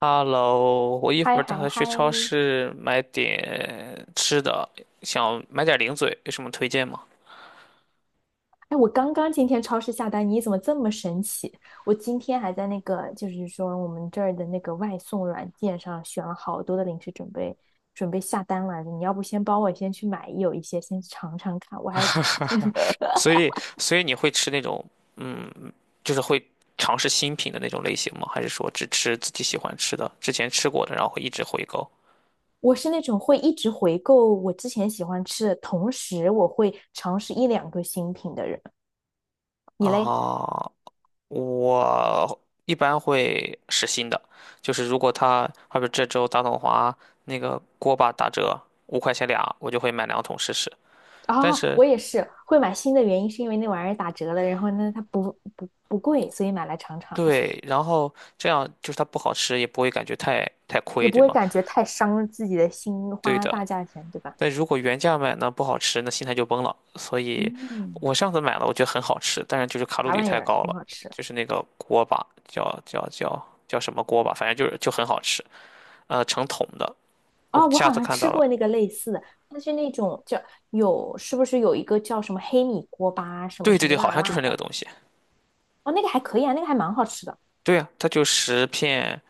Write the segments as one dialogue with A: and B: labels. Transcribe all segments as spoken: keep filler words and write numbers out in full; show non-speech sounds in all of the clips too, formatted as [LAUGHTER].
A: Hello，我一会
B: 嗨
A: 儿打
B: 嗨
A: 算
B: 嗨！
A: 去超市买点吃的，想买点零嘴，有什么推荐吗？
B: 哎，我刚刚今天超市下单，你怎么这么神奇？我今天还在那个，就是说我们这儿的那个外送软件上选了好多的零食，准备准备下单来着。你要不先帮我先去买有一些，先尝尝看。我还
A: [LAUGHS]
B: [LAUGHS]
A: 所以，所以你会吃那种，嗯，就是会尝试新品的那种类型吗？还是说只吃自己喜欢吃的，之前吃过的，然后会一直回购？
B: 我是那种会一直回购我之前喜欢吃的，同时我会尝试一两个新品的人。你嘞？
A: 啊，我一般会试新的，就是如果他，好比这周大统华那个锅巴打折五块钱俩，我就会买两桶试试。但
B: 啊、
A: 是
B: 我也是会买新的原因是因为那玩意儿打折了，然后呢它不不不贵，所以买来尝尝。
A: 对，然后这样就是它不好吃，也不会感觉太太
B: 也
A: 亏，
B: 不
A: 对
B: 会
A: 吗？
B: 感觉太伤自己的心，
A: 对
B: 花
A: 的。
B: 大价钱，对吧？
A: 但如果原价买呢，不好吃，那心态就崩了。所以，
B: 嗯，
A: 我上次买了，我觉得很好吃，但是就是卡路
B: 啥
A: 里
B: 玩意
A: 太
B: 儿，
A: 高
B: 很
A: 了，
B: 好吃。
A: 就是那个锅巴，叫叫叫叫什么锅巴，反正就是就很好吃，呃，成桶的。我
B: 哦，我
A: 下
B: 好
A: 次
B: 像
A: 看到
B: 吃
A: 了，
B: 过那个类似的，它是那种叫有，是不是有一个叫什么黑米锅巴，什么
A: 对
B: 什
A: 对
B: 么
A: 对，好
B: 辣
A: 像就
B: 辣
A: 是那个
B: 的？
A: 东西。
B: 哦，那个还可以啊，那个还蛮好吃的。
A: 对呀，它就十片，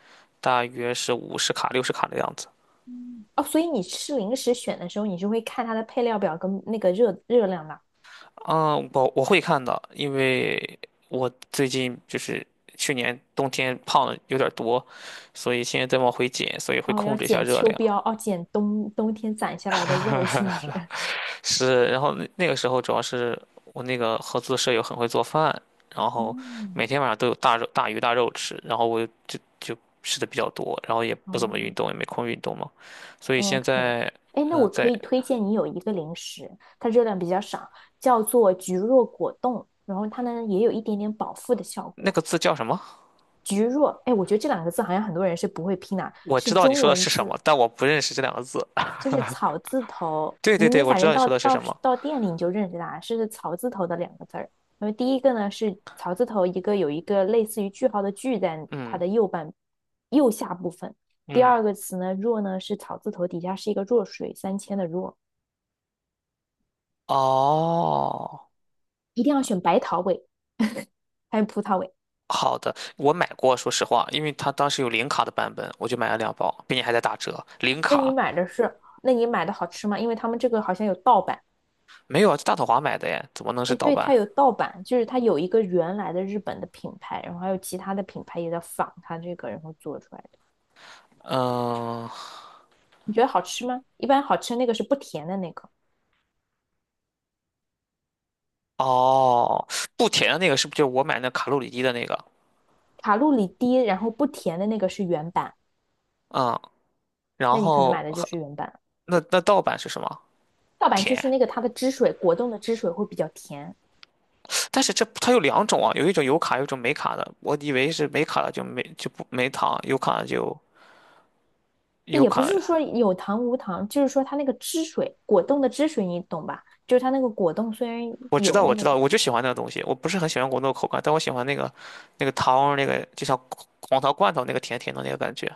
A: 大约是五十卡、六十卡的样子。
B: 嗯，哦，所以你吃零食选的时候，你是会看它的配料表跟那个热热量的。
A: 嗯，我我会看的，因为我最近就是去年冬天胖的有点多，所以现在在往回减，所以会
B: 哦，
A: 控
B: 要
A: 制一下
B: 减
A: 热
B: 秋
A: 量。
B: 膘，哦，减冬冬天攒下来的肉，是不是？
A: 是，然后那那个时候主要是我那个合租的舍友很会做饭，然后
B: 嗯，
A: 每天晚上都有大肉大鱼大肉吃，然后我就就吃的比较多，然后也不怎么
B: 哦，
A: 运动，也没空运动嘛，所以现
B: OK,
A: 在。
B: 哎，那
A: 嗯。呃
B: 我可
A: 在
B: 以推荐你有一个零食，它热量比较少，叫做菊若果冻，然后它呢也有一点点饱腹的效
A: 那
B: 果。
A: 个字叫什么？
B: 菊若，哎，我觉得这两个字好像很多人是不会拼的，
A: 我
B: 是
A: 知道你
B: 中
A: 说的
B: 文
A: 是什么，
B: 字，
A: 但我不认识这两个字。
B: 就是草字头。
A: 对对
B: 你
A: 对，
B: 你
A: 我
B: 反
A: 知道
B: 正
A: 你
B: 到
A: 说的是
B: 到
A: 什么。
B: 到店里你就认识它，是草字头的两个字儿。那么第一个呢是草字头一个有一个类似于句号的句在它
A: 嗯
B: 的右半右下部分，第
A: 嗯。
B: 二个词呢若呢是草字头底下是一个弱水三千的弱。
A: 哦，
B: 一定要选白桃味 [LAUGHS]，还有葡萄味。
A: 好的，我买过，说实话，因为它当时有零卡的版本，我就买了两包，并且还在打折。零
B: 那你
A: 卡
B: 买的是，那你买的好吃吗？因为他们这个好像有盗版。
A: 没有啊，在大统华买的耶，怎么能是
B: 哎，
A: 盗
B: 对，
A: 版？
B: 它有盗版，就是它有一个原来的日本的品牌，然后还有其他的品牌也在仿它这个，然后做出来的。
A: 嗯，
B: 你觉得好吃吗？一般好吃那个是不甜的那个，
A: 哦，不甜的那个是不是就是我买那卡路里低的那个？
B: 卡路里低，然后不甜的那个是原版，
A: 嗯，然
B: 那你可能买
A: 后
B: 的就是原版。
A: 那那盗版是什么？
B: 盗版就
A: 甜，
B: 是那个它的汁水，果冻的汁水会比较甜，
A: 但是这它有两种啊，有一种有卡，有一种没卡的。我以为是没卡的就没就不没糖，有卡的就有
B: 也不
A: 卡
B: 是说
A: 的。
B: 有糖无糖，就是说它那个汁水，果冻的汁水，你懂吧？就是它那个果冻虽然
A: 我知
B: 有
A: 道，我
B: 那
A: 知
B: 个，
A: 道，我就喜欢那个东西。我不是很喜欢果冻的口感，但我喜欢那个那个糖，那个就像黄桃罐头那个甜甜的那个感觉。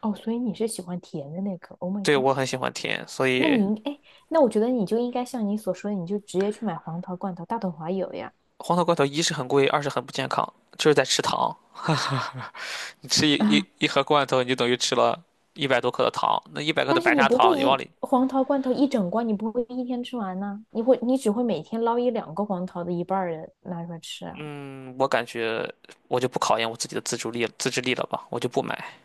B: 哦，所以你是喜欢甜的那个？Oh my
A: 对，
B: god!
A: 我很喜欢甜，所
B: 那你
A: 以
B: 应哎，那我觉得你就应该像你所说的，你就直接去买黄桃罐头，大统华有呀。[LAUGHS]
A: 黄桃罐头一是很贵，二是很不健康，就是在吃糖。[LAUGHS] 哈哈，你吃一一
B: 啊，
A: 一盒罐头，你就等于吃了一百多克的糖。那一百克的
B: 但是
A: 白
B: 你
A: 砂
B: 不会
A: 糖，你往
B: 一
A: 里，
B: 黄桃罐头一整罐，你不会一天吃完呢、你会你只会每天捞一两个黄桃的一半儿的拿出来吃啊。
A: 嗯，我感觉我就不考验我自己的自主力、自制力了吧，我就不买。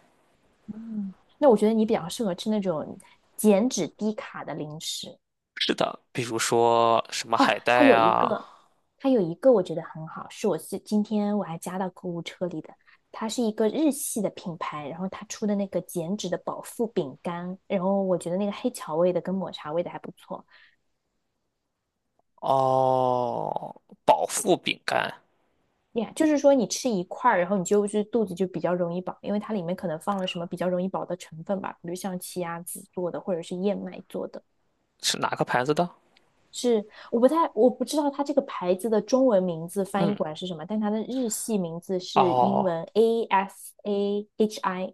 B: 嗯，那我觉得你比较适合吃那种减脂低卡的零食。
A: 是的，比如说什么
B: 哦，
A: 海
B: 它
A: 带
B: 有一
A: 啊，
B: 个，它有一个我觉得很好，是我是今天我还加到购物车里的。它是一个日系的品牌，然后它出的那个减脂的饱腹饼干，然后我觉得那个黑巧味的跟抹茶味的还不错。
A: 哦，饱腹饼干，
B: 呀，就是说你吃一块儿，然后你就是肚子就比较容易饱，因为它里面可能放了什么比较容易饱的成分吧，比如像奇亚籽做的或者是燕麦做的。
A: 是哪个牌子的？
B: 是，我不太，我不知道它这个牌子的中文名字翻
A: 嗯，
B: 译过来是什么，但它的日系名字是英
A: 哦
B: 文 A S A H I,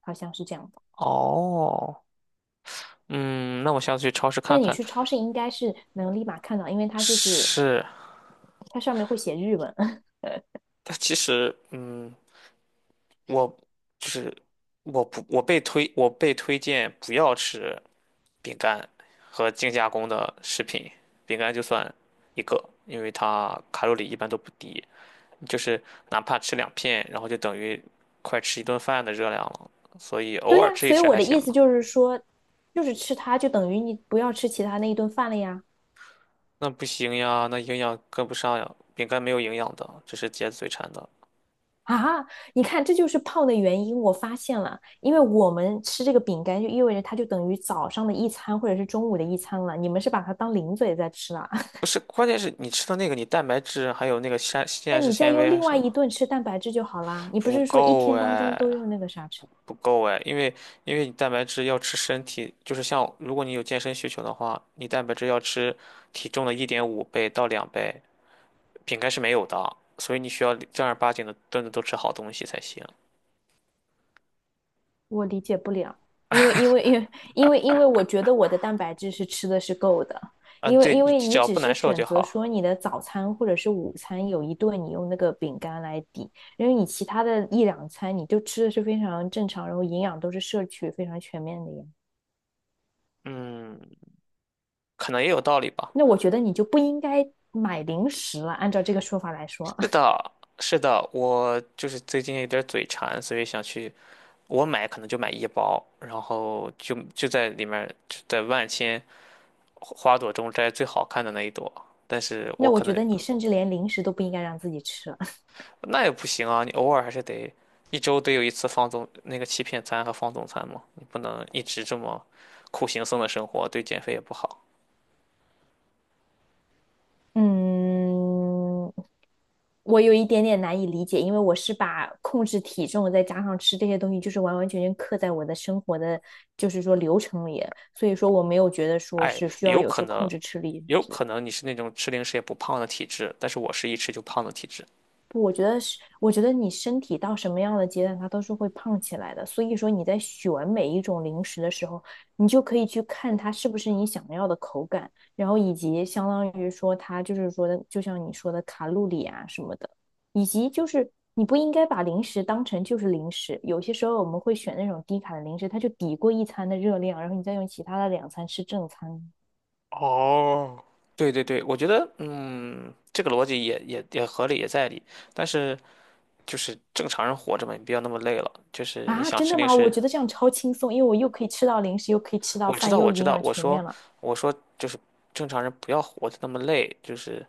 B: 好像是这样的
A: 哦，嗯，那我下次去超市看
B: 但你
A: 看。
B: 去超市应该是能立马看到，因为它就是
A: 是，
B: 它上面会写日文。[LAUGHS]
A: 但其实，嗯，我就是我不我被推我被推荐不要吃饼干和精加工的食品，饼干就算一个，因为它卡路里一般都不低，就是哪怕吃两片，然后就等于快吃一顿饭的热量了，所以偶
B: 对
A: 尔
B: 呀，
A: 吃一
B: 所以
A: 吃
B: 我
A: 还
B: 的
A: 行
B: 意思
A: 吧。
B: 就是说，就是吃它就等于你不要吃其他那一顿饭了呀。
A: 那不行呀，那营养跟不上呀，饼干没有营养的，这是解嘴馋的。
B: 啊，你看，这就是胖的原因。我发现了，因为我们吃这个饼干，就意味着它就等于早上的一餐或者是中午的一餐了。你们是把它当零嘴在吃了，
A: 不
B: [LAUGHS]
A: 是，关键是你吃的那个，你蛋白质还有那个膳
B: 那
A: 膳食
B: 你再
A: 纤维
B: 用
A: 还是
B: 另
A: 什
B: 外
A: 么
B: 一顿吃蛋白质就好啦。你不
A: 不
B: 是说一
A: 够
B: 天当中都
A: 哎，
B: 用那个啥吃？
A: 不够哎，因为因为你蛋白质要吃身体，就是像如果你有健身需求的话，你蛋白质要吃体重的一点五倍到两倍，饼干是没有的，所以你需要正儿八经的顿顿都吃好东西才行。
B: 我理解不了，因为因为因为因为因为我觉得我的蛋白质是吃的是够的，
A: 嗯，
B: 因为
A: 对，
B: 因
A: 你
B: 为
A: 只
B: 你
A: 要
B: 只
A: 不
B: 是
A: 难受
B: 选
A: 就
B: 择
A: 好。
B: 说你的早餐或者是午餐有一顿你用那个饼干来抵，因为你其他的一两餐你就吃的是非常正常，然后营养都是摄取非常全面的呀。
A: 嗯，可能也有道理吧。
B: 那我觉得你就不应该买零食了，按照这个说法来说，
A: 是
B: [LAUGHS]
A: 的，是的，我就是最近有点嘴馋，所以想去。我买可能就买一包，然后就就在里面就在万千花朵中摘最好看的那一朵。但是我
B: 那我
A: 可
B: 觉
A: 能
B: 得你甚至连零食都不应该让自己吃了。
A: 那也不行啊，你偶尔还是得一周得有一次放纵那个欺骗餐和放纵餐嘛，你不能一直这么苦行僧的生活，对减肥也不好。
B: [LAUGHS] 嗯，我有一点点难以理解，因为我是把控制体重再加上吃这些东西，就是完完全全刻在我的生活的，就是说流程里，所以说我没有觉得说
A: 哎，
B: 是需要
A: 有
B: 有
A: 可
B: 去控
A: 能，
B: 制吃力，
A: 有可能你是那种吃零食也不胖的体质，但是我是一吃就胖的体质。
B: 不，我觉得是，我觉得你身体到什么样的阶段，它都是会胖起来的。所以说你在选每一种零食的时候，你就可以去看它是不是你想要的口感，然后以及相当于说它就是说的，就像你说的卡路里啊什么的，以及就是你不应该把零食当成就是零食。有些时候我们会选那种低卡的零食，它就抵过一餐的热量，然后你再用其他的两餐吃正餐。
A: 哦，对对对，我觉得，嗯，这个逻辑也也也合理，也在理。但是就是正常人活着嘛，你不要那么累了。就是你
B: 啊，
A: 想
B: 真
A: 吃
B: 的
A: 零
B: 吗？我
A: 食，
B: 觉得这样超轻松，因为我又可以吃到零食，又可以吃到
A: 我知
B: 饭，
A: 道，
B: 又
A: 我知
B: 营
A: 道，
B: 养
A: 我
B: 全面
A: 说，
B: 了。
A: 我说，就是正常人不要活得那么累，就是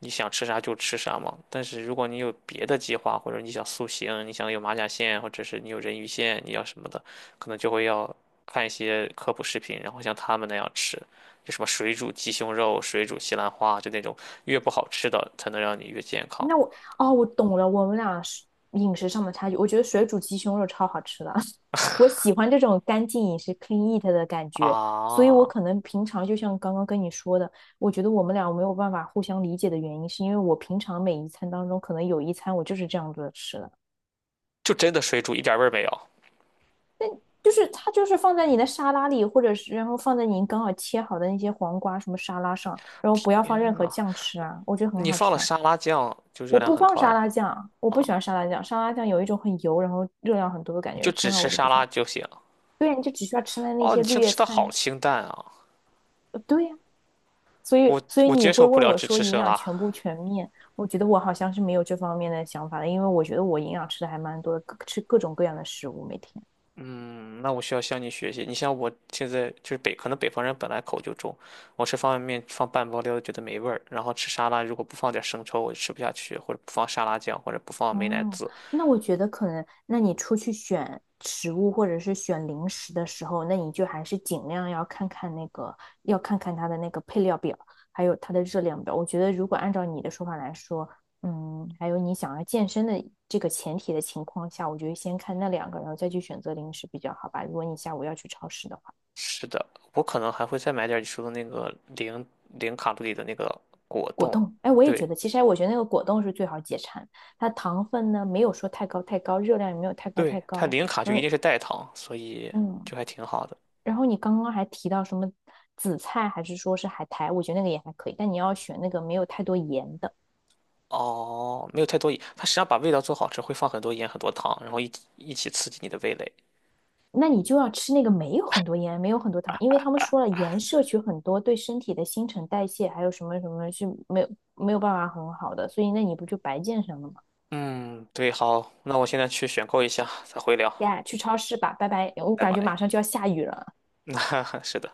A: 你想吃啥就吃啥嘛。但是如果你有别的计划，或者你想塑形，你想有马甲线，或者是你有人鱼线，你要什么的，可能就会要看一些科普视频，然后像他们那样吃，就什么水煮鸡胸肉、水煮西兰花，就那种越不好吃的才能让你越健康。
B: 那我哦，我懂了，我们俩是饮食上的差距。我觉得水煮鸡胸肉超好吃的，[LAUGHS] 我喜欢这种干净饮食 （(clean eat) 的感觉，所以我
A: 啊！
B: 可能平常就像刚刚跟你说的，我觉得我们俩没有办法互相理解的原因，是因为我平常每一餐当中，可能有一餐我就是这样子吃的，
A: 就真的水煮一点味儿没有。
B: 就是它就是放在你的沙拉里，或者是然后放在您刚好切好的那些黄瓜什么沙拉上，然后不要放任
A: 天
B: 何
A: 呐，
B: 酱吃啊，我觉得很
A: 你
B: 好
A: 放了
B: 吃啊。
A: 沙拉酱，就
B: 我
A: 热量
B: 不
A: 很
B: 放
A: 高
B: 沙
A: 呀。
B: 拉酱，我
A: 啊！
B: 不喜欢沙拉酱。沙拉酱有一种很油，然后热量很多的感
A: 你
B: 觉，
A: 就
B: 从
A: 只
B: 小
A: 吃
B: 我就不
A: 沙
B: 喜
A: 拉
B: 欢。
A: 就行。
B: 对呀，你就只需要吃那那
A: 哦，
B: 些
A: 你
B: 绿
A: 清
B: 叶
A: 吃的
B: 菜啊。
A: 好清淡啊，
B: 呃对呀，所以
A: 我
B: 所以
A: 我
B: 你
A: 接
B: 会
A: 受不
B: 问
A: 了
B: 我
A: 只
B: 说
A: 吃
B: 营
A: 生
B: 养
A: 拉。
B: 全不全面？我觉得我好像是没有这方面的想法的，因为我觉得我营养吃的还蛮多的，各吃各种各样的食物，每天。
A: 嗯，那我需要向你学习。你像我现在就是北，可能北方人本来口就重，我吃方便面放半包料觉得没味儿，然后吃沙拉如果不放点生抽我就吃不下去，或者不放沙拉酱，或者不放美乃
B: 哦，
A: 滋。
B: 那我觉得可能，那你出去选食物或者是选零食的时候，那你就还是尽量要看看那个，要看看它的那个配料表，还有它的热量表。我觉得如果按照你的说法来说，嗯，还有你想要健身的这个前提的情况下，我觉得先看那两个，然后再去选择零食比较好吧。如果你下午要去超市的话，
A: 是的，我可能还会再买点你说的那个零零卡路里的那个果
B: 果
A: 冻。
B: 冻，哎，我也觉
A: 对
B: 得，其实哎我觉得那个果冻是最好解馋，它糖分呢没有说太高太高，热量也没有太高
A: 对，
B: 太
A: 它
B: 高，
A: 零卡就
B: 然
A: 一
B: 后
A: 定是代糖，所以
B: 嗯。
A: 就还挺好的。
B: 然后你刚刚还提到什么紫菜，还是说是海苔？我觉得那个也还可以，但你要选那个没有太多盐的，
A: 哦，没有太多盐，它实际上把味道做好吃，会放很多盐、很多糖，然后一起一起刺激你的味蕾。
B: 那你就要吃那个没有很多盐、没有很多糖，因为他们说了，盐摄取很多对身体的新陈代谢还有什么什么是没有没有办法很好的，所以那你不就白健身了吗？
A: 嗯，对，好，那我现在去选购一下，再回聊，
B: 呀，去超市吧，拜拜！我
A: 拜
B: 感觉马
A: 拜。
B: 上就要下雨了。
A: [LAUGHS] 是的。